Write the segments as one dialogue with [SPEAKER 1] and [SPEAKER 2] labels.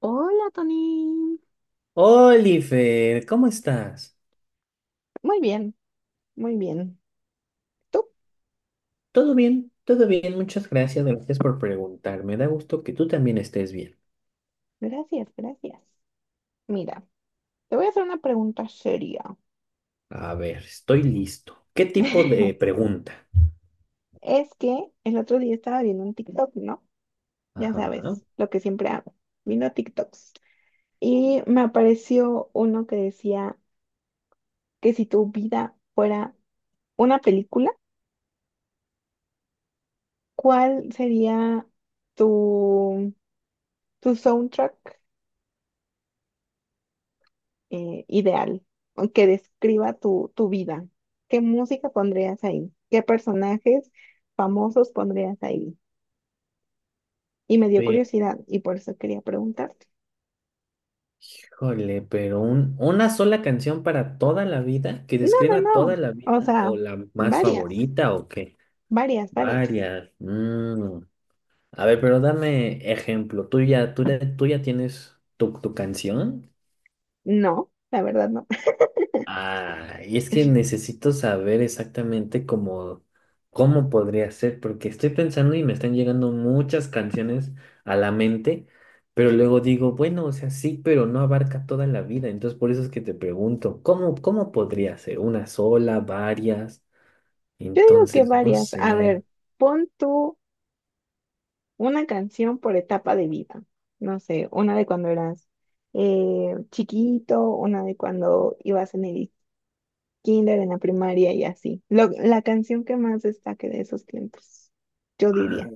[SPEAKER 1] Hola, Tony.
[SPEAKER 2] Oliver, ¿cómo estás?
[SPEAKER 1] Muy bien, muy bien. ¿Tú?
[SPEAKER 2] ¿Todo bien? Todo bien, muchas gracias, gracias por preguntar. Me da gusto que tú también estés bien.
[SPEAKER 1] Gracias, gracias. Mira, te voy a hacer una pregunta seria.
[SPEAKER 2] A ver, estoy listo. ¿Qué tipo de pregunta?
[SPEAKER 1] Es que el otro día estaba viendo un TikTok, ¿no? Ya
[SPEAKER 2] Ajá.
[SPEAKER 1] sabes, lo que siempre hago, viendo TikToks. Y me apareció uno que decía que si tu vida fuera una película, ¿cuál sería tu, tu soundtrack? ¿Ideal o que describa tu vida? ¿Qué música pondrías ahí? ¿Qué personajes famosos pondrías ahí? Y me dio
[SPEAKER 2] Pero,
[SPEAKER 1] curiosidad y por eso quería preguntarte.
[SPEAKER 2] híjole, pero una sola canción para toda la vida, que
[SPEAKER 1] No, no,
[SPEAKER 2] describa toda
[SPEAKER 1] no.
[SPEAKER 2] la
[SPEAKER 1] O
[SPEAKER 2] vida,
[SPEAKER 1] sea,
[SPEAKER 2] o la más
[SPEAKER 1] varias,
[SPEAKER 2] favorita, ¿o qué?
[SPEAKER 1] varias, varias.
[SPEAKER 2] Varias. Mm. A ver, pero dame ejemplo. ¿Tú ya tienes tu canción?
[SPEAKER 1] No, la verdad no.
[SPEAKER 2] Ah, y es que necesito saber exactamente cómo podría ser, porque estoy pensando y me están llegando muchas canciones a la mente, pero luego digo, bueno, o sea, sí, pero no abarca toda la vida. Entonces, por eso es que te pregunto, ¿cómo podría ser? ¿Una sola, varias?
[SPEAKER 1] Yo digo que
[SPEAKER 2] Entonces, no
[SPEAKER 1] varias. A
[SPEAKER 2] sé.
[SPEAKER 1] ver, pon tú una canción por etapa de vida. No sé, una de cuando eras chiquito, una de cuando ibas en el kinder, en la primaria y así. La canción que más destaque de esos tiempos, yo
[SPEAKER 2] Ah,
[SPEAKER 1] diría.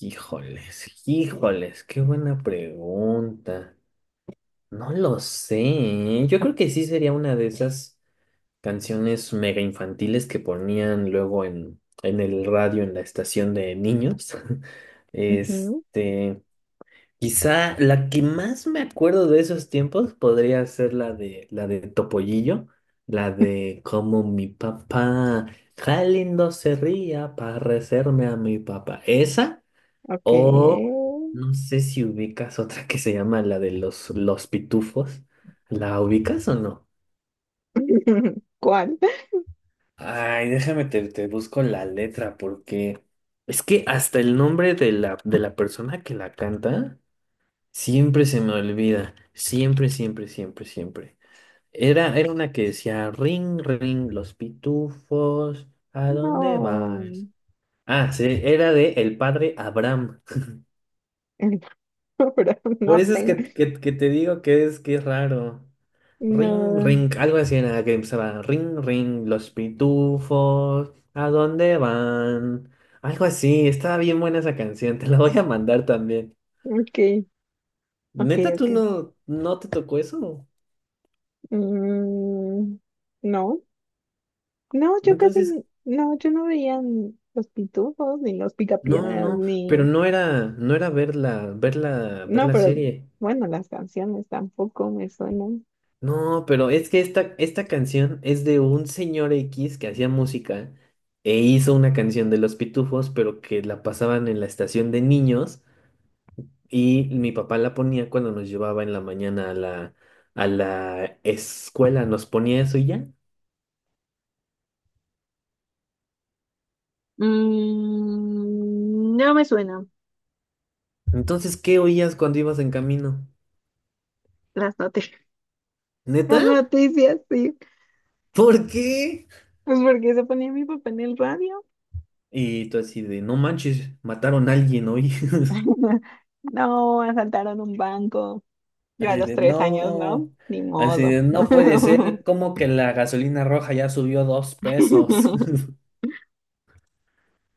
[SPEAKER 2] híjoles, híjoles, qué buena pregunta. No lo sé, ¿eh? Yo creo que sí sería una de esas canciones mega infantiles que ponían luego en, el radio, en la estación de niños.
[SPEAKER 1] Ujú,
[SPEAKER 2] Este, quizá la que más me acuerdo de esos tiempos podría ser la de Topollillo, la de como mi papá, qué lindo se ría parecerme a mi papá. Esa
[SPEAKER 1] ok.
[SPEAKER 2] o no sé si ubicas otra que se llama la de los pitufos. ¿La ubicas o no?
[SPEAKER 1] ¿Cuál?
[SPEAKER 2] Ay, déjame te busco la letra porque es que hasta el nombre de la persona que la canta siempre se me olvida. Siempre, siempre, siempre, siempre. Era una que decía ring, ring, los pitufos, ¿a dónde
[SPEAKER 1] No,
[SPEAKER 2] vas? Ah, sí, era de el padre Abraham.
[SPEAKER 1] el programa,
[SPEAKER 2] Por
[SPEAKER 1] no
[SPEAKER 2] eso es
[SPEAKER 1] tengo.
[SPEAKER 2] que te digo que es raro. Ring,
[SPEAKER 1] No,
[SPEAKER 2] ring, algo así en la que empezaba. Ring, ring, los pitufos, ¿a dónde van? Algo así, estaba bien buena esa canción, te la voy a mandar también.
[SPEAKER 1] ok, ok,
[SPEAKER 2] Neta, tú
[SPEAKER 1] ok.
[SPEAKER 2] no, no te tocó eso.
[SPEAKER 1] Mm, no, no, yo casi,
[SPEAKER 2] Entonces,
[SPEAKER 1] no, yo no veía los pitufos, ni los
[SPEAKER 2] no, no,
[SPEAKER 1] picapiedras,
[SPEAKER 2] no, pero
[SPEAKER 1] ni,
[SPEAKER 2] no era ver la, ver la, ver
[SPEAKER 1] no,
[SPEAKER 2] la
[SPEAKER 1] pero
[SPEAKER 2] serie.
[SPEAKER 1] bueno, las canciones tampoco me suenan.
[SPEAKER 2] No, pero es que esta canción es de un señor X que hacía música e hizo una canción de los pitufos, pero que la pasaban en la estación de niños. Y mi papá la ponía cuando nos llevaba en la mañana a la, escuela, nos ponía eso y ya.
[SPEAKER 1] Mm, no me suena.
[SPEAKER 2] Entonces, ¿qué oías cuando ibas en camino?
[SPEAKER 1] Las noticias, las
[SPEAKER 2] ¿Neta?
[SPEAKER 1] noticias, sí.
[SPEAKER 2] ¿Por qué?
[SPEAKER 1] Pues porque se ponía mi papá en el radio.
[SPEAKER 2] Y tú así de, no manches, mataron a alguien hoy.
[SPEAKER 1] No, asaltaron un banco. Yo a
[SPEAKER 2] Así
[SPEAKER 1] los
[SPEAKER 2] de,
[SPEAKER 1] tres años, ¿no?
[SPEAKER 2] no,
[SPEAKER 1] Ni
[SPEAKER 2] así
[SPEAKER 1] modo.
[SPEAKER 2] de, no puede ser, ¿cómo que la gasolina roja ya subió 2 pesos?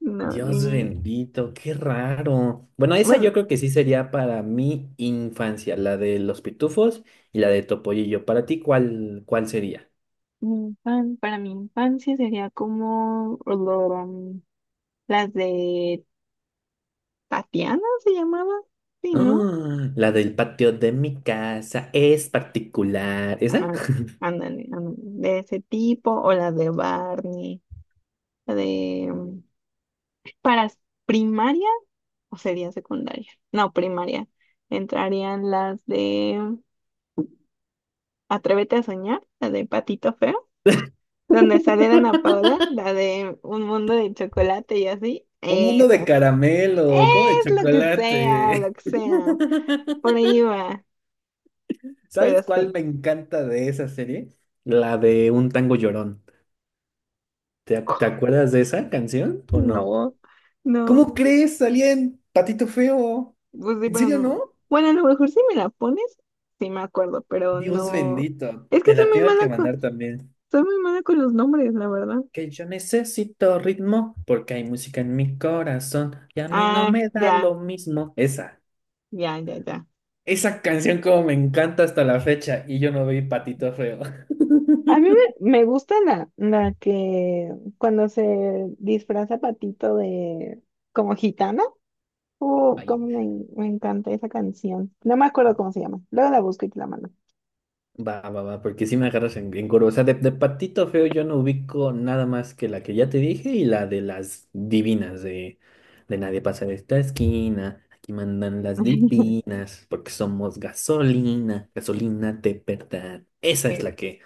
[SPEAKER 1] No,
[SPEAKER 2] Dios
[SPEAKER 1] ni...
[SPEAKER 2] bendito, qué raro. Bueno, esa
[SPEAKER 1] Pues,
[SPEAKER 2] yo creo que sí sería para mi infancia, la de los pitufos y la de Topollillo. Para ti, ¿cuál sería?
[SPEAKER 1] para mi infancia sería como las de Tatiana se llamaba, sí, ¿no?
[SPEAKER 2] Ah, la del patio de mi casa es particular. ¿Esa?
[SPEAKER 1] Ah, ándale, ándale, de ese tipo, o las de Barney, la de... Para primaria o sería secundaria, no, primaria, entrarían las de Atrévete a soñar, la de Patito Feo, donde sale Ana Paula, la de Un mundo de chocolate y así,
[SPEAKER 2] Un mundo de
[SPEAKER 1] esas. Es
[SPEAKER 2] caramelo, como de
[SPEAKER 1] lo que sea, lo
[SPEAKER 2] chocolate.
[SPEAKER 1] que sea. Por ahí va, pero
[SPEAKER 2] ¿Sabes cuál
[SPEAKER 1] sí.
[SPEAKER 2] me encanta de esa serie? La de Un Tango Llorón. ¿Te, te acuerdas de esa canción o no?
[SPEAKER 1] No, no.
[SPEAKER 2] ¿Cómo crees? Salía en Patito Feo.
[SPEAKER 1] Pues sí,
[SPEAKER 2] ¿En
[SPEAKER 1] pero
[SPEAKER 2] serio
[SPEAKER 1] no.
[SPEAKER 2] no?
[SPEAKER 1] Bueno, a lo mejor si me la pones, sí me acuerdo, pero
[SPEAKER 2] Dios
[SPEAKER 1] no.
[SPEAKER 2] bendito,
[SPEAKER 1] Es que
[SPEAKER 2] te
[SPEAKER 1] soy
[SPEAKER 2] la
[SPEAKER 1] muy
[SPEAKER 2] tengo que
[SPEAKER 1] mala con,
[SPEAKER 2] mandar también.
[SPEAKER 1] soy muy mala con los nombres, la verdad.
[SPEAKER 2] Que yo necesito ritmo porque hay música en mi corazón y a mí no
[SPEAKER 1] Ah,
[SPEAKER 2] me da
[SPEAKER 1] ya,
[SPEAKER 2] lo mismo. Esa,
[SPEAKER 1] ya, ya, ya.
[SPEAKER 2] esa canción como me encanta hasta la fecha y yo no vi patito feo.
[SPEAKER 1] A mí me gusta la que cuando se disfraza Patito de como gitana.
[SPEAKER 2] Ay,
[SPEAKER 1] Cómo me encanta esa canción. No me acuerdo cómo se llama. Luego la busco y te la mando.
[SPEAKER 2] va, va, va, porque si me agarras en, curva. O sea, de patito feo yo no ubico nada más que la que ya te dije y la de las divinas de, nadie pasa de esta esquina. Aquí mandan las divinas porque somos gasolina, gasolina de verdad. Esa es
[SPEAKER 1] E-
[SPEAKER 2] la que,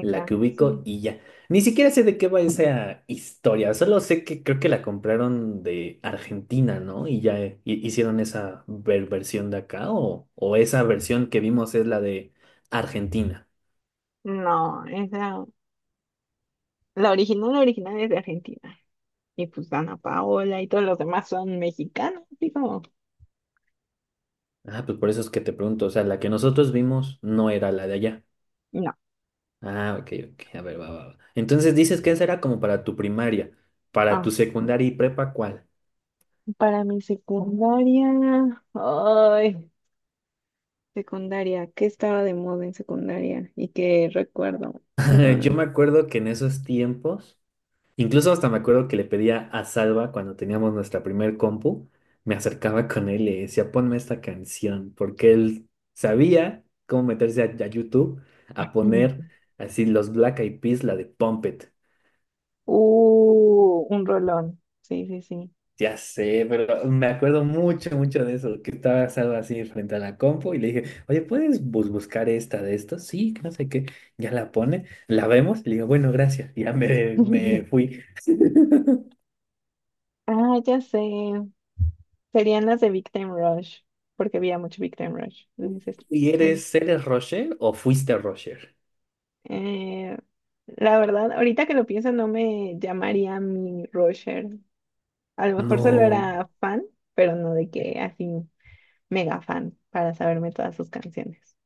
[SPEAKER 2] la que ubico
[SPEAKER 1] sí.
[SPEAKER 2] y ya. Ni siquiera sé de qué va esa historia. Solo sé que creo que la compraron de Argentina, ¿no? Y ya hicieron esa versión de acá o esa versión que vimos es la de Argentina.
[SPEAKER 1] No, esa, la original es de Argentina. Y pues Ana Paola y todos los demás son mexicanos. Digo,
[SPEAKER 2] Ah, pues por eso es que te pregunto, o sea, la que nosotros vimos no era la de allá.
[SPEAKER 1] no.
[SPEAKER 2] Ah, ok, ok, a ver, va, va, va. Entonces dices que esa era como para tu primaria, para
[SPEAKER 1] Ah,
[SPEAKER 2] tu secundaria y prepa, ¿cuál?
[SPEAKER 1] para mi secundaria, ay, secundaria, ¿qué estaba de moda en secundaria? ¿Y qué recuerdo?
[SPEAKER 2] Yo
[SPEAKER 1] Déjame.
[SPEAKER 2] me acuerdo que en esos tiempos, incluso hasta me acuerdo que le pedía a Salva cuando teníamos nuestra primer compu, me acercaba con él y le decía, ponme esta canción, porque él sabía cómo meterse a YouTube a poner
[SPEAKER 1] un-
[SPEAKER 2] así los Black Eyed Peas, la de Pump It.
[SPEAKER 1] Un rolón. Sí, sí, sí.
[SPEAKER 2] Ya sé, pero me acuerdo mucho, mucho de eso, que estaba asado así frente a la compu y le dije, oye, ¿puedes buscar esta de estos? Sí, que no sé qué. Ya la pone, la vemos, y le digo, bueno, gracias. Y ya me, me fui.
[SPEAKER 1] Ah, ya sé. Serían las de Big Time Rush, porque había mucho Big Time Rush. Entonces,
[SPEAKER 2] ¿Y eres,
[SPEAKER 1] en-
[SPEAKER 2] eres Roger o fuiste Roger?
[SPEAKER 1] eh, la verdad, ahorita que lo pienso, no me llamaría mi rusher. A lo mejor solo
[SPEAKER 2] No.
[SPEAKER 1] era fan, pero no de que así mega fan para saberme todas sus canciones.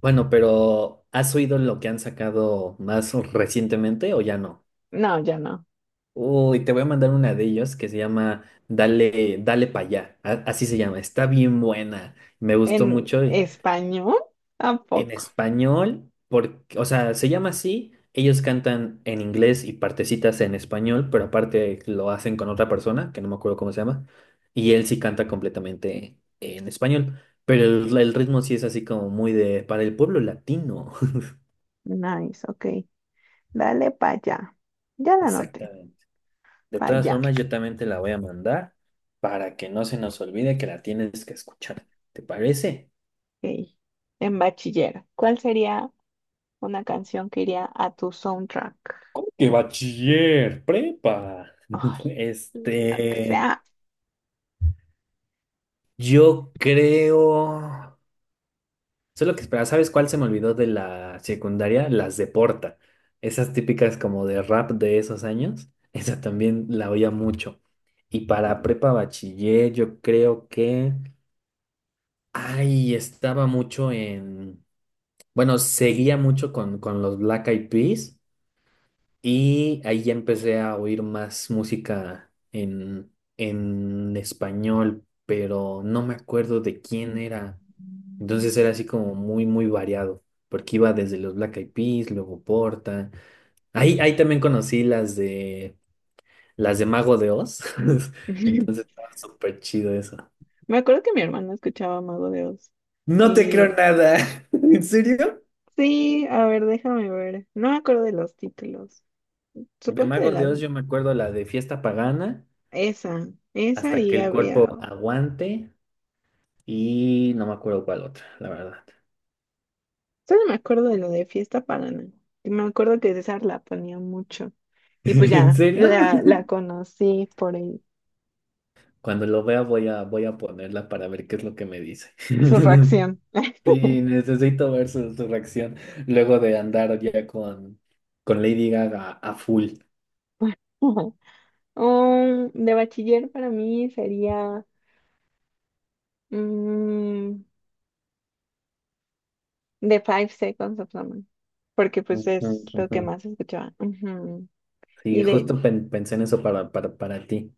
[SPEAKER 2] Bueno, pero ¿has oído lo que han sacado más recientemente o ya no?
[SPEAKER 1] No, yo no.
[SPEAKER 2] Uy, te voy a mandar una de ellos que se llama Dale, Dale para allá. A- Así se llama. Está bien buena. Me gustó
[SPEAKER 1] ¿En
[SPEAKER 2] mucho.
[SPEAKER 1] español? ¿A
[SPEAKER 2] En
[SPEAKER 1] poco?
[SPEAKER 2] español, porque, o sea, se llama así. Ellos cantan en inglés y partecitas en español, pero aparte lo hacen con otra persona, que no me acuerdo cómo se llama, y él sí canta completamente en español, pero el, ritmo sí es así como muy de, para el pueblo latino.
[SPEAKER 1] Nice, ok. Dale para allá. Ya la anoté.
[SPEAKER 2] Exactamente. De
[SPEAKER 1] Para
[SPEAKER 2] todas
[SPEAKER 1] allá.
[SPEAKER 2] formas, yo también te la voy a mandar para que no se nos olvide que la tienes que escuchar. ¿Te parece?
[SPEAKER 1] Ok. En bachiller. ¿Cuál sería una canción que iría a tu soundtrack?
[SPEAKER 2] ¿Cómo que bachiller? Prepa.
[SPEAKER 1] Ay, lo que
[SPEAKER 2] Este...
[SPEAKER 1] sea.
[SPEAKER 2] Yo creo. Solo que espera, ¿sabes cuál se me olvidó de la secundaria? Las de Porta. Esas típicas como de rap de esos años. Esa también la oía mucho. Y para prepa bachiller, yo creo que. Ay, estaba mucho en. Bueno, seguía mucho con, los Black Eyed Peas. Y ahí ya empecé a oír más música en español, pero no me acuerdo de quién era. Entonces era así como muy, muy variado, porque iba desde los Black Eyed Peas, luego Porta. Ahí también conocí las de Mago de Oz. Entonces estaba súper chido eso.
[SPEAKER 1] Me acuerdo que mi hermano escuchaba Mago de Oz.
[SPEAKER 2] No te creo
[SPEAKER 1] Y
[SPEAKER 2] nada. ¿En serio?
[SPEAKER 1] sí, a ver, déjame ver. No me acuerdo de los títulos.
[SPEAKER 2] De
[SPEAKER 1] Supongo que de
[SPEAKER 2] Mago de
[SPEAKER 1] las...
[SPEAKER 2] Oz yo me acuerdo la de Fiesta Pagana,
[SPEAKER 1] Esa, esa
[SPEAKER 2] hasta
[SPEAKER 1] y
[SPEAKER 2] que el cuerpo
[SPEAKER 1] había...
[SPEAKER 2] aguante y no me acuerdo cuál otra, la verdad.
[SPEAKER 1] Solo me acuerdo de lo de Fiesta Pagana. Y me acuerdo que César la ponía mucho. Y pues
[SPEAKER 2] ¿En
[SPEAKER 1] ya,
[SPEAKER 2] serio?
[SPEAKER 1] la conocí por él.
[SPEAKER 2] Cuando lo vea voy a ponerla para ver qué es lo que me dice.
[SPEAKER 1] Su reacción.
[SPEAKER 2] Sí, necesito ver su, reacción luego de andar ya con Lady Gaga a full.
[SPEAKER 1] De bachiller para mí sería mm, The Five Seconds of Summer, porque pues
[SPEAKER 2] Ujú,
[SPEAKER 1] es lo
[SPEAKER 2] ujú.
[SPEAKER 1] que más escuchaba. Ujú.
[SPEAKER 2] Sí,
[SPEAKER 1] Y
[SPEAKER 2] justo pensé en eso para, para ti.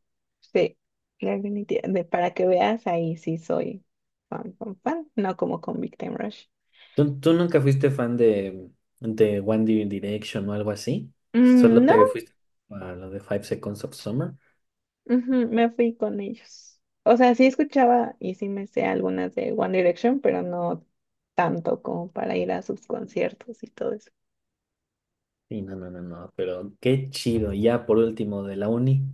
[SPEAKER 1] sí, para que veas, ahí sí soy fan, fan, fan, no como con Victim Rush.
[SPEAKER 2] ¿Tú nunca fuiste fan de One Direction o algo así?
[SPEAKER 1] Mm,
[SPEAKER 2] ¿Solo
[SPEAKER 1] no,
[SPEAKER 2] te fuiste para lo de Five Seconds of Summer?
[SPEAKER 1] ujú, me fui con ellos. O sea, sí escuchaba y sí me sé algunas de One Direction, pero no tanto como para ir a sus conciertos y todo eso.
[SPEAKER 2] Sí, no, no, no, no, pero qué chido. Y ya por último, de la uni.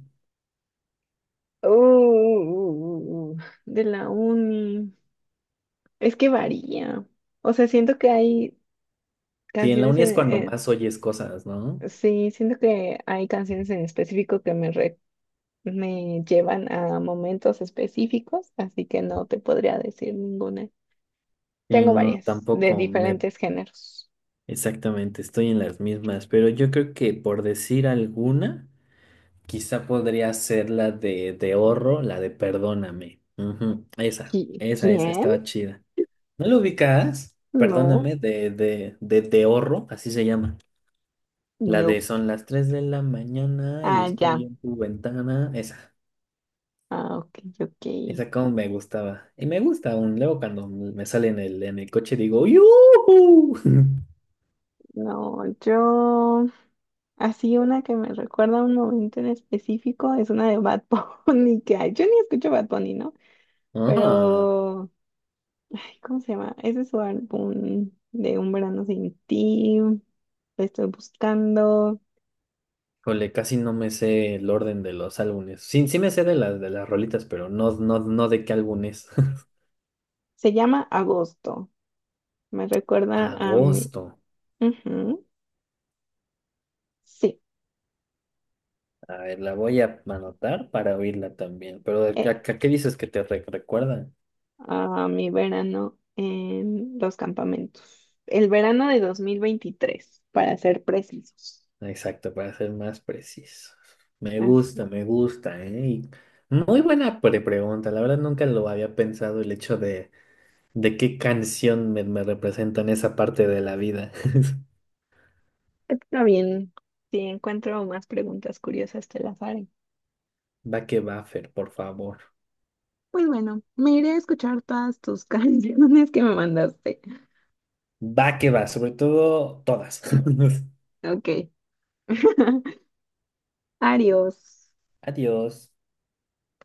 [SPEAKER 1] Uh, uh, uh, uh, uh, uh, de la uni. Es que varía. O sea, siento que hay
[SPEAKER 2] Sí, en la
[SPEAKER 1] canciones
[SPEAKER 2] uni
[SPEAKER 1] en...
[SPEAKER 2] es cuando más oyes cosas, ¿no?
[SPEAKER 1] sí, siento que hay canciones en específico que me llevan a momentos específicos, así que no te podría decir ninguna.
[SPEAKER 2] Sí,
[SPEAKER 1] Tengo
[SPEAKER 2] no,
[SPEAKER 1] varias de
[SPEAKER 2] tampoco. Me
[SPEAKER 1] diferentes géneros.
[SPEAKER 2] exactamente, estoy en las mismas, pero yo creo que por decir alguna, quizá podría ser la de, Horro, la de Perdóname. Ujú, Esa, esa, esa,
[SPEAKER 1] ¿Quién?
[SPEAKER 2] estaba chida. ¿No lo ubicas?
[SPEAKER 1] No,
[SPEAKER 2] Perdóname, de, de Horro, así se llama. La
[SPEAKER 1] no.
[SPEAKER 2] de son las 3 de la mañana y
[SPEAKER 1] Ah,
[SPEAKER 2] estoy
[SPEAKER 1] ya.
[SPEAKER 2] en tu ventana. Esa,
[SPEAKER 1] Ah, ok, ok.
[SPEAKER 2] esa como me gustaba. Y me gusta aún, luego cuando me sale en el, coche digo, ¡Yuhu!
[SPEAKER 1] No, yo... Así una que me recuerda a un momento en específico es una de Bad Bunny, que ay, yo ni escucho Bad Bunny, ¿no?
[SPEAKER 2] Ajá.
[SPEAKER 1] Pero, ay, ¿cómo se llama? Ese es su álbum de Un verano sin ti, lo estoy buscando.
[SPEAKER 2] Híjole, casi no me sé el orden de los álbumes. Sí, sí me sé de las rolitas, pero no, no, no de qué álbum es.
[SPEAKER 1] Se llama Agosto, me recuerda a mi,
[SPEAKER 2] Agosto.
[SPEAKER 1] ujú, sí,
[SPEAKER 2] A ver, la voy a anotar para oírla también. Pero ¿a, a-
[SPEAKER 1] eh,
[SPEAKER 2] a qué dices que te recuerda?
[SPEAKER 1] a mi verano en los campamentos. El verano de 2023, para ser precisos.
[SPEAKER 2] Exacto, para ser más preciso.
[SPEAKER 1] Así
[SPEAKER 2] Me gusta, ¿eh? Y muy buena pregunta. La verdad nunca lo había pensado el hecho de, qué canción me representa en esa parte de la vida.
[SPEAKER 1] está bien. Si encuentro más preguntas curiosas, te las haré.
[SPEAKER 2] Va que va, Fer, por favor.
[SPEAKER 1] Pues bueno, me iré a escuchar todas tus canciones que me mandaste.
[SPEAKER 2] Va que va, sobre todo todas.
[SPEAKER 1] Ok. Adiós.
[SPEAKER 2] Adiós.